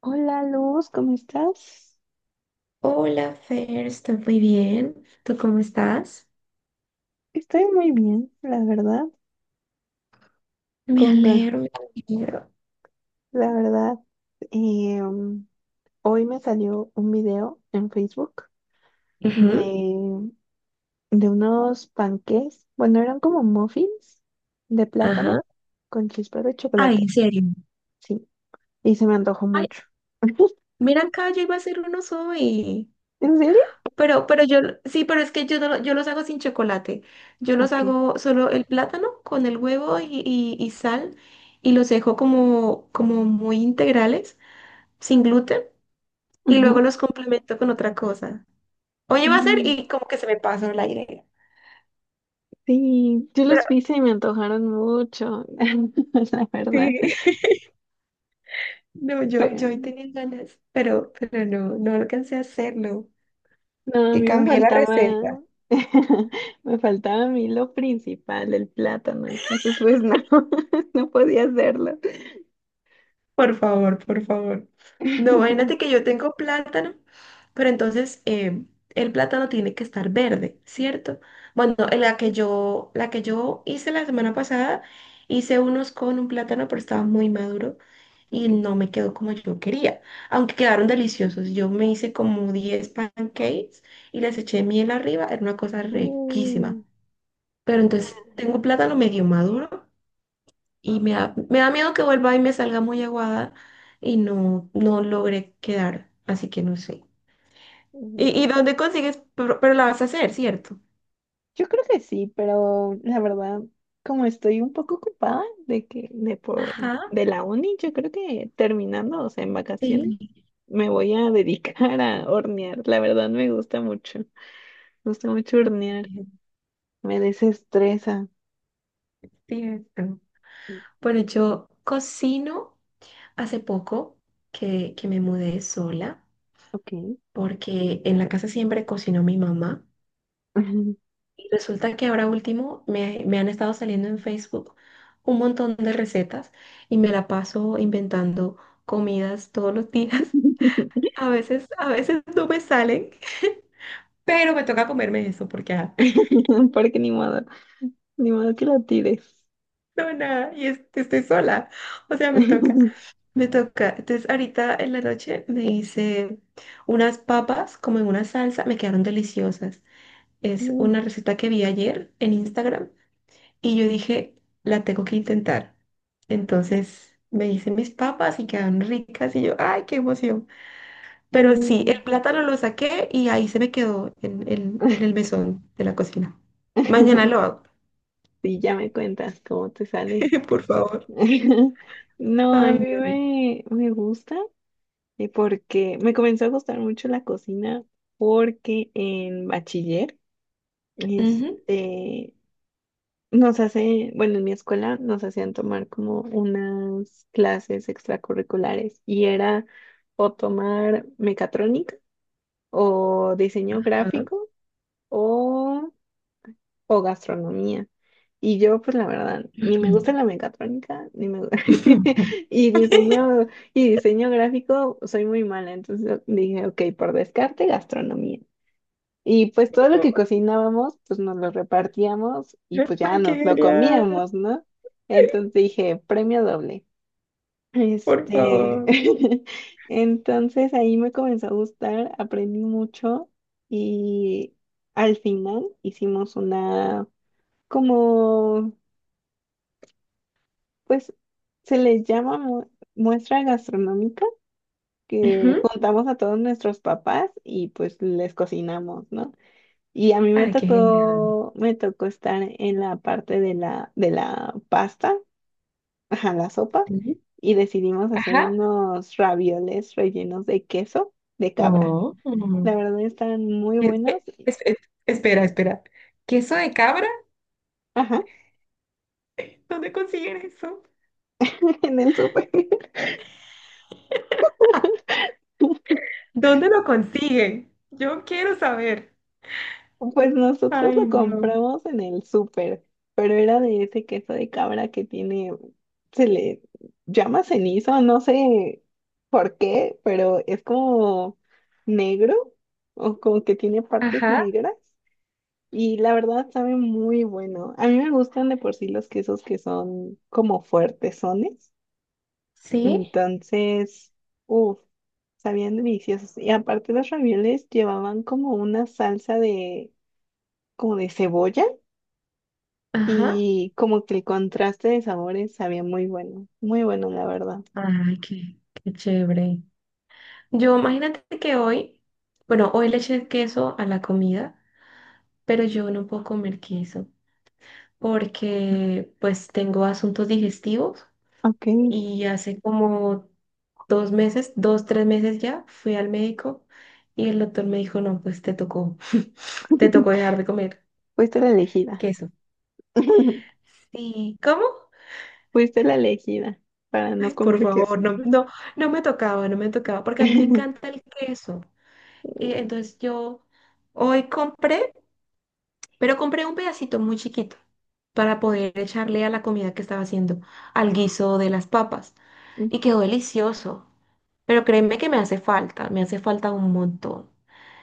Hola Luz, ¿cómo estás? Hola, Fer, estoy muy bien. ¿Tú cómo estás? Estoy muy bien, la verdad. Me Conga, alegro, me alegro. la verdad. eh, um, hoy me salió un video en Facebook Ujú, de, de unos panqués. Bueno, eran como muffins de plátano ajá. con chispas de Ay, chocolate. en serio. Sí, y se me antojó Ay, mucho. mira acá, yo iba a hacer unos hoy. ¿En serio? Pero yo, sí, pero es que yo, no, yo los hago sin chocolate. Yo los Ok. hago solo el plátano con el huevo y sal y los dejo como muy integrales, sin gluten, y luego Ujú. los complemento con otra cosa. Hoy iba a hacer Mm. y como que se me pasó la idea. Sí, yo los Pero vi y se me antojaron mucho, la verdad. sí. No, yo hoy tenía ganas, pero no alcancé a hacerlo. No, a Que mí me cambié la receta. faltaba, me faltaba a mí lo principal, el plátano, entonces pues no, no podía hacerlo. Por favor, por favor. No, imagínate que yo tengo plátano, pero entonces el plátano tiene que estar verde, ¿cierto? Bueno, en la que yo hice la semana pasada, hice unos con un plátano, pero estaba muy maduro y Ok. no me quedó como yo quería, aunque quedaron deliciosos. Yo me hice como 10 pancakes y les eché miel arriba, era una cosa riquísima. Mm, Pero entonces tengo plátano medio maduro y me da miedo que vuelva y me salga muy aguada y no logre quedar. Así que no sé. ¿Y, mm. y dónde consigues? Pero la vas a hacer, ¿cierto? Yo creo que sí, pero la verdad, como estoy un poco ocupada Ajá. de la uni, yo creo que terminando, o sea, en vacaciones, Sí, me voy a dedicar a hornear. La verdad me gusta mucho es hornear, me desestresa. cierto. Bueno, yo cocino hace poco que me mudé sola Ok. porque en la casa siempre cocinó mi mamá. Y resulta que ahora último me han estado saliendo en Facebook un montón de recetas y me la paso inventando comidas todos los días. A veces no me salen, pero me toca comerme eso porque Porque ni modo, ni modo que la tires. no nada y estoy sola. O sea, me toca, me toca. Entonces ahorita en la noche me hice unas papas como en una salsa, me quedaron deliciosas. Es una receta que vi ayer en Instagram. Y yo dije, la tengo que intentar. Entonces me hice mis papas y quedaron ricas y yo, ay, qué emoción. Pero sí, el plátano lo saqué y ahí se me quedó en el mesón de la cocina. Mañana lo hago, Sí, ya me cuentas cómo te sale. por favor. No, Ay, no. Me gusta porque me comenzó a gustar mucho la cocina porque en bachiller, Ujú. este, bueno, en mi escuela nos hacían tomar como unas clases extracurriculares y era o tomar mecatrónica o diseño Ajá. gráfico o, o gastronomía. Y yo, pues la verdad, ni me gusta la mecatrónica, ni me gusta. Y diseño, y diseño gráfico, soy muy mala. Entonces dije, ok, por descarte, gastronomía. Y pues todo lo que cocinábamos, pues nos lo repartíamos y pues ya Ay, qué nos lo genial, comíamos, ¿no? Entonces dije, premio doble. por Este, favor. entonces ahí me comenzó a gustar, aprendí mucho y al final hicimos una, como, pues se les llama mu- muestra gastronómica, que Ujú. juntamos a todos nuestros papás y pues les cocinamos, ¿no? Y a mí Ay, qué genial. Me tocó estar en la parte de de la pasta ajá, la sopa Sí. y decidimos hacer Ajá. unos ravioles rellenos de queso de cabra. Oh. La verdad están muy buenos. Espe- es, es- Espera, espera. ¿Queso de cabra? Ajá, ¿Dónde consiguen eso? en el súper. ¿Dónde lo consiguen? Yo quiero saber. Pues nosotros Ay, lo no. compramos en el súper, pero era de ese queso de cabra se le llama cenizo, no sé por qué, pero es como negro o como que tiene partes Ajá, negras. Y la verdad sabe muy bueno. A mí me gustan de por sí los quesos que son como fuertesones. sí, Entonces, uff, sabían deliciosos. Y aparte los ravioles llevaban como una salsa como de cebolla ajá. y como que el contraste de sabores sabía muy bueno. Muy bueno, la verdad. Ay, qué chévere. Yo imagínate que hoy, bueno, hoy le eché queso a la comida, pero yo no puedo comer queso porque pues tengo asuntos digestivos. Ok, Y hace como 2 meses, 2, 3 meses ya, fui al médico y el doctor me dijo, no, pues te tocó dejar de comer fuiste la elegida. queso. Sí, ¿cómo? Fuiste la elegida para no Ay, por comer queso. favor, no, no, no me tocaba, no me tocaba, porque a mí me encanta el queso. Y entonces yo hoy compré, pero compré un pedacito muy chiquito para poder echarle a la comida que estaba haciendo, al guiso de las papas. Y Mm. quedó delicioso. Pero créeme que me hace falta un montón.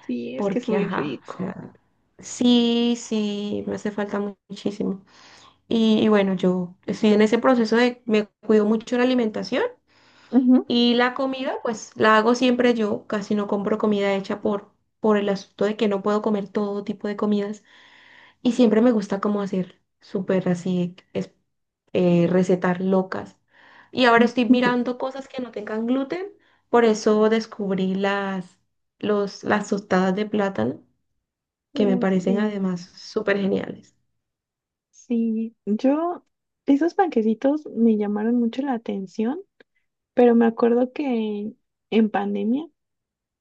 Sí, es que es Porque, muy ajá, o rico. sea, sí, sí, me hace falta muchísimo. Y bueno, yo estoy en ese proceso de, me cuido mucho la alimentación Ujú. y la comida, pues la hago siempre yo, casi no compro comida hecha por el asunto de que no puedo comer todo tipo de comidas y siempre me gusta como hacer súper así, recetar locas. Y ahora estoy mirando cosas que no tengan gluten, por eso descubrí las tostadas de plátano que me Uy, parecen sí, además súper geniales. sí. Yo, esos panquecitos me llamaron mucho la atención, pero me acuerdo que en pandemia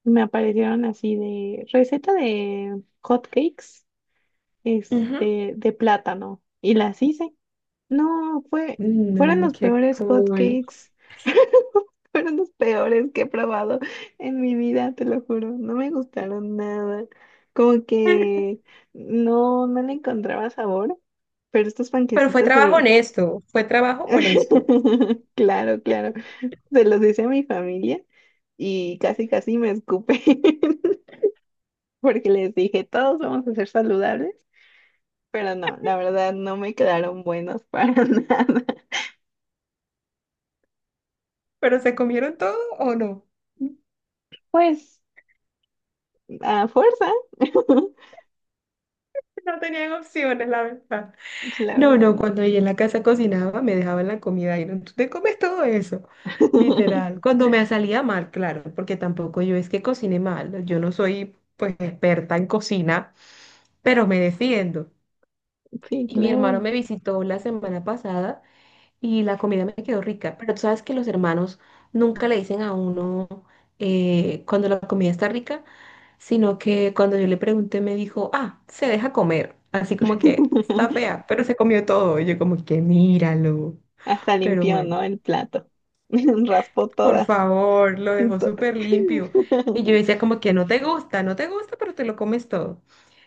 me aparecieron así de receta de hot cakes, Ujú. este, de plátano, y las hice. No, fue, fueron No, los qué peores hot cool. cakes. Fueron los peores que he probado en mi vida, te lo juro. No me gustaron nada. Como que no le encontraba sabor, pero estos Pero fue panquecitos trabajo se... honesto, fue trabajo honesto. Claro, claro. Se los hice a mi familia y casi, casi me escupé porque les dije, todos vamos a ser saludables, pero no, la verdad no me quedaron buenos para nada. ¿Pero se comieron todo o no? Pues a fuerza, No tenían opciones, la verdad. la No, verdad no, no. cuando ella en la casa cocinaba me dejaban la comida y no, tú te comes todo eso, literal. Cuando me salía mal, claro, porque tampoco yo es que cocine mal, yo no soy pues experta en cocina, pero me defiendo. Sí, Y mi hermano claro. me visitó la semana pasada y la comida me quedó rica. Pero tú sabes que los hermanos nunca le dicen a uno cuando la comida está rica, sino que cuando yo le pregunté me dijo, ah, se deja comer. Así como que está fea, pero se comió todo. Y yo como que míralo. Hasta Pero limpió, bueno. ¿no? El plato. Raspó Por todas. favor, lo dejó To- súper limpio. Y yo decía como que no te gusta, no te gusta, pero te lo comes todo.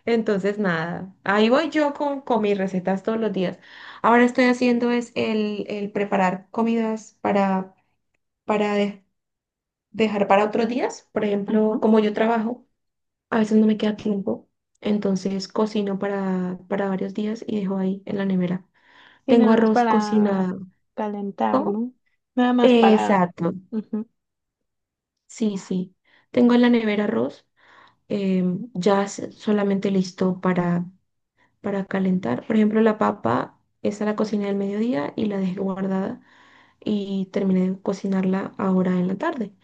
Entonces, nada, ahí voy yo con mis recetas todos los días. Ahora estoy haciendo es el preparar comidas para dejar para otros días. Por Ajá. ejemplo, como yo trabajo, a veces no me queda tiempo. Entonces, cocino para varios días y dejo ahí en la nevera. Sí, Tengo nada más arroz para cocinado. calentar, ¿Cómo? ¿no? Nada más para... Exacto. Ujú. Sí, sí. Tengo en la nevera arroz. Ya es solamente listo para calentar. Por ejemplo, la papa, esa la cociné al mediodía y la dejé guardada y terminé de cocinarla ahora en la tarde.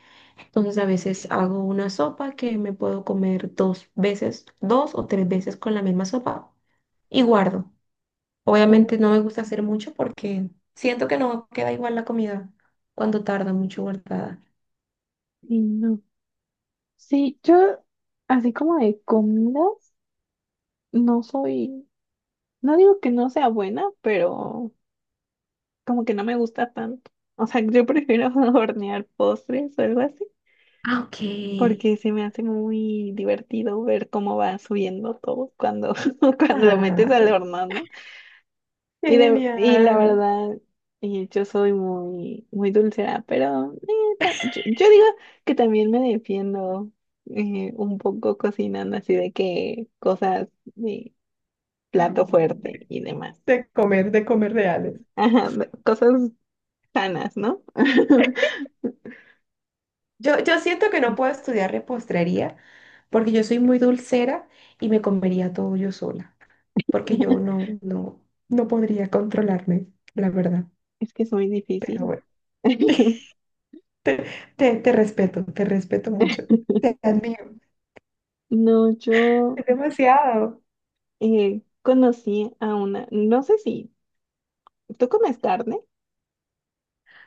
Entonces a veces hago una sopa que me puedo comer 2 veces, 2 o 3 veces con la misma sopa y guardo. Obviamente no me gusta hacer mucho porque siento que no queda igual la comida cuando tarda mucho guardada. Uy, no. Sí, yo así como de comidas, no soy... No digo que no sea buena, pero como que no me gusta tanto. O sea, yo prefiero hornear postres o algo así. Ah, ok. Porque se me hace muy divertido ver cómo va subiendo todo cuando, cuando lo Ah, metes al horno, ¿no? qué Y la genial. verdad, y yo soy muy, muy dulcera, pero yo digo que también me defiendo un poco cocinando así de que cosas de plato fuerte y demás. De comer reales. Ajá, de- cosas sanas, ¿no? Yo siento que no puedo estudiar repostería porque yo soy muy dulcera y me comería todo yo sola, porque yo no podría controlarme, la verdad. Es que es muy Pero difícil. bueno, te respeto, te respeto mucho, te admiro, No, yo... es demasiado. Conocí a una, no sé si, ¿tú comes carne?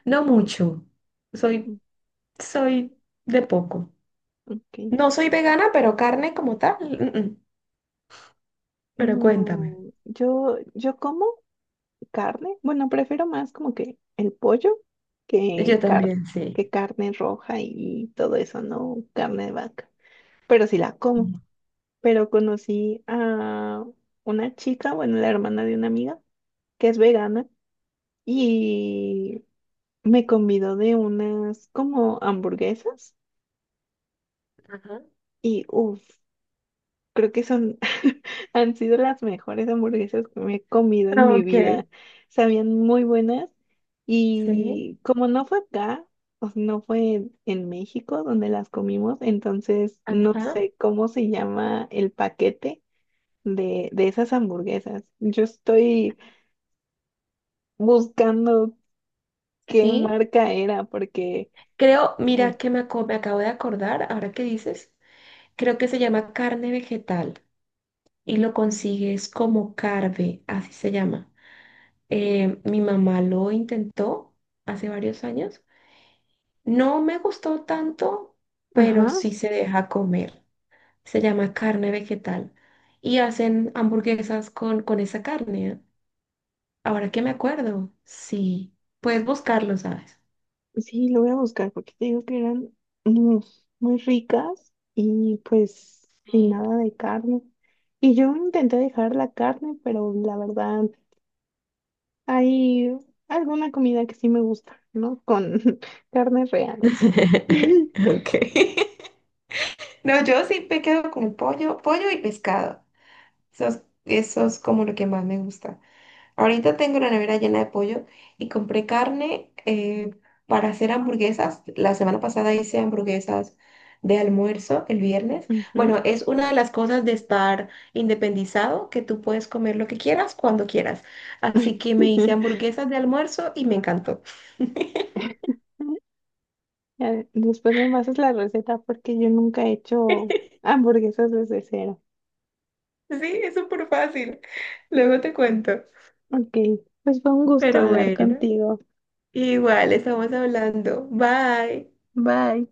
No mucho, Mm. soy, soy de poco. Ok. No soy vegana, pero carne como tal, mm, mm. Pero cuéntame. No, yo como carne. Bueno, prefiero más como que el pollo que Yo carne, también, sí. que carne roja y todo eso, no carne de vaca. Pero sí la Sí. como. Pero conocí a una chica, bueno, la hermana de una amiga, que es vegana, y me convidó de unas como hamburguesas. Ajá. Y uff, creo que son, han sido las mejores hamburguesas que me he comido en Ah, mi ok. vida. Sabían muy buenas Sí, y como no fue acá, o sea, no fue en México donde las comimos, entonces no ajá, sé cómo se llama el paquete de esas hamburguesas. Yo estoy buscando qué sí. marca era porque... Creo, mira que me acabo de acordar, ahora que dices, creo que se llama carne vegetal y lo consigues como carve, así se llama. Mi mamá lo intentó hace varios años. No me gustó tanto, pero Ajá. sí se deja comer. Se llama carne vegetal y hacen hamburguesas con esa carne. ¿Eh? Ahora que me acuerdo, sí, puedes buscarlo, ¿sabes? Sí, lo voy a buscar porque te digo que eran mm, muy ricas y pues sin Sí. nada de carne. Y yo intenté dejar la carne, pero la verdad hay alguna comida que sí me gusta, ¿no? Con carne real. Ok. No, yo sí me quedo con el pollo, pollo y pescado. Eso es como lo que más me gusta. Ahorita tengo la nevera llena de pollo y compré carne para hacer hamburguesas. La semana pasada hice hamburguesas de almuerzo el viernes. Ujú. Bueno, es una de las cosas de estar independizado, que tú puedes comer lo que quieras cuando quieras. Así que me hice hamburguesas de almuerzo y me encantó. Ya, después me pasas la receta porque yo nunca he hecho hamburguesas desde cero. Sí, es súper fácil. Luego te cuento. Ok, pues fue un gusto Pero hablar bueno. contigo. Igual, estamos hablando. Bye. Bye.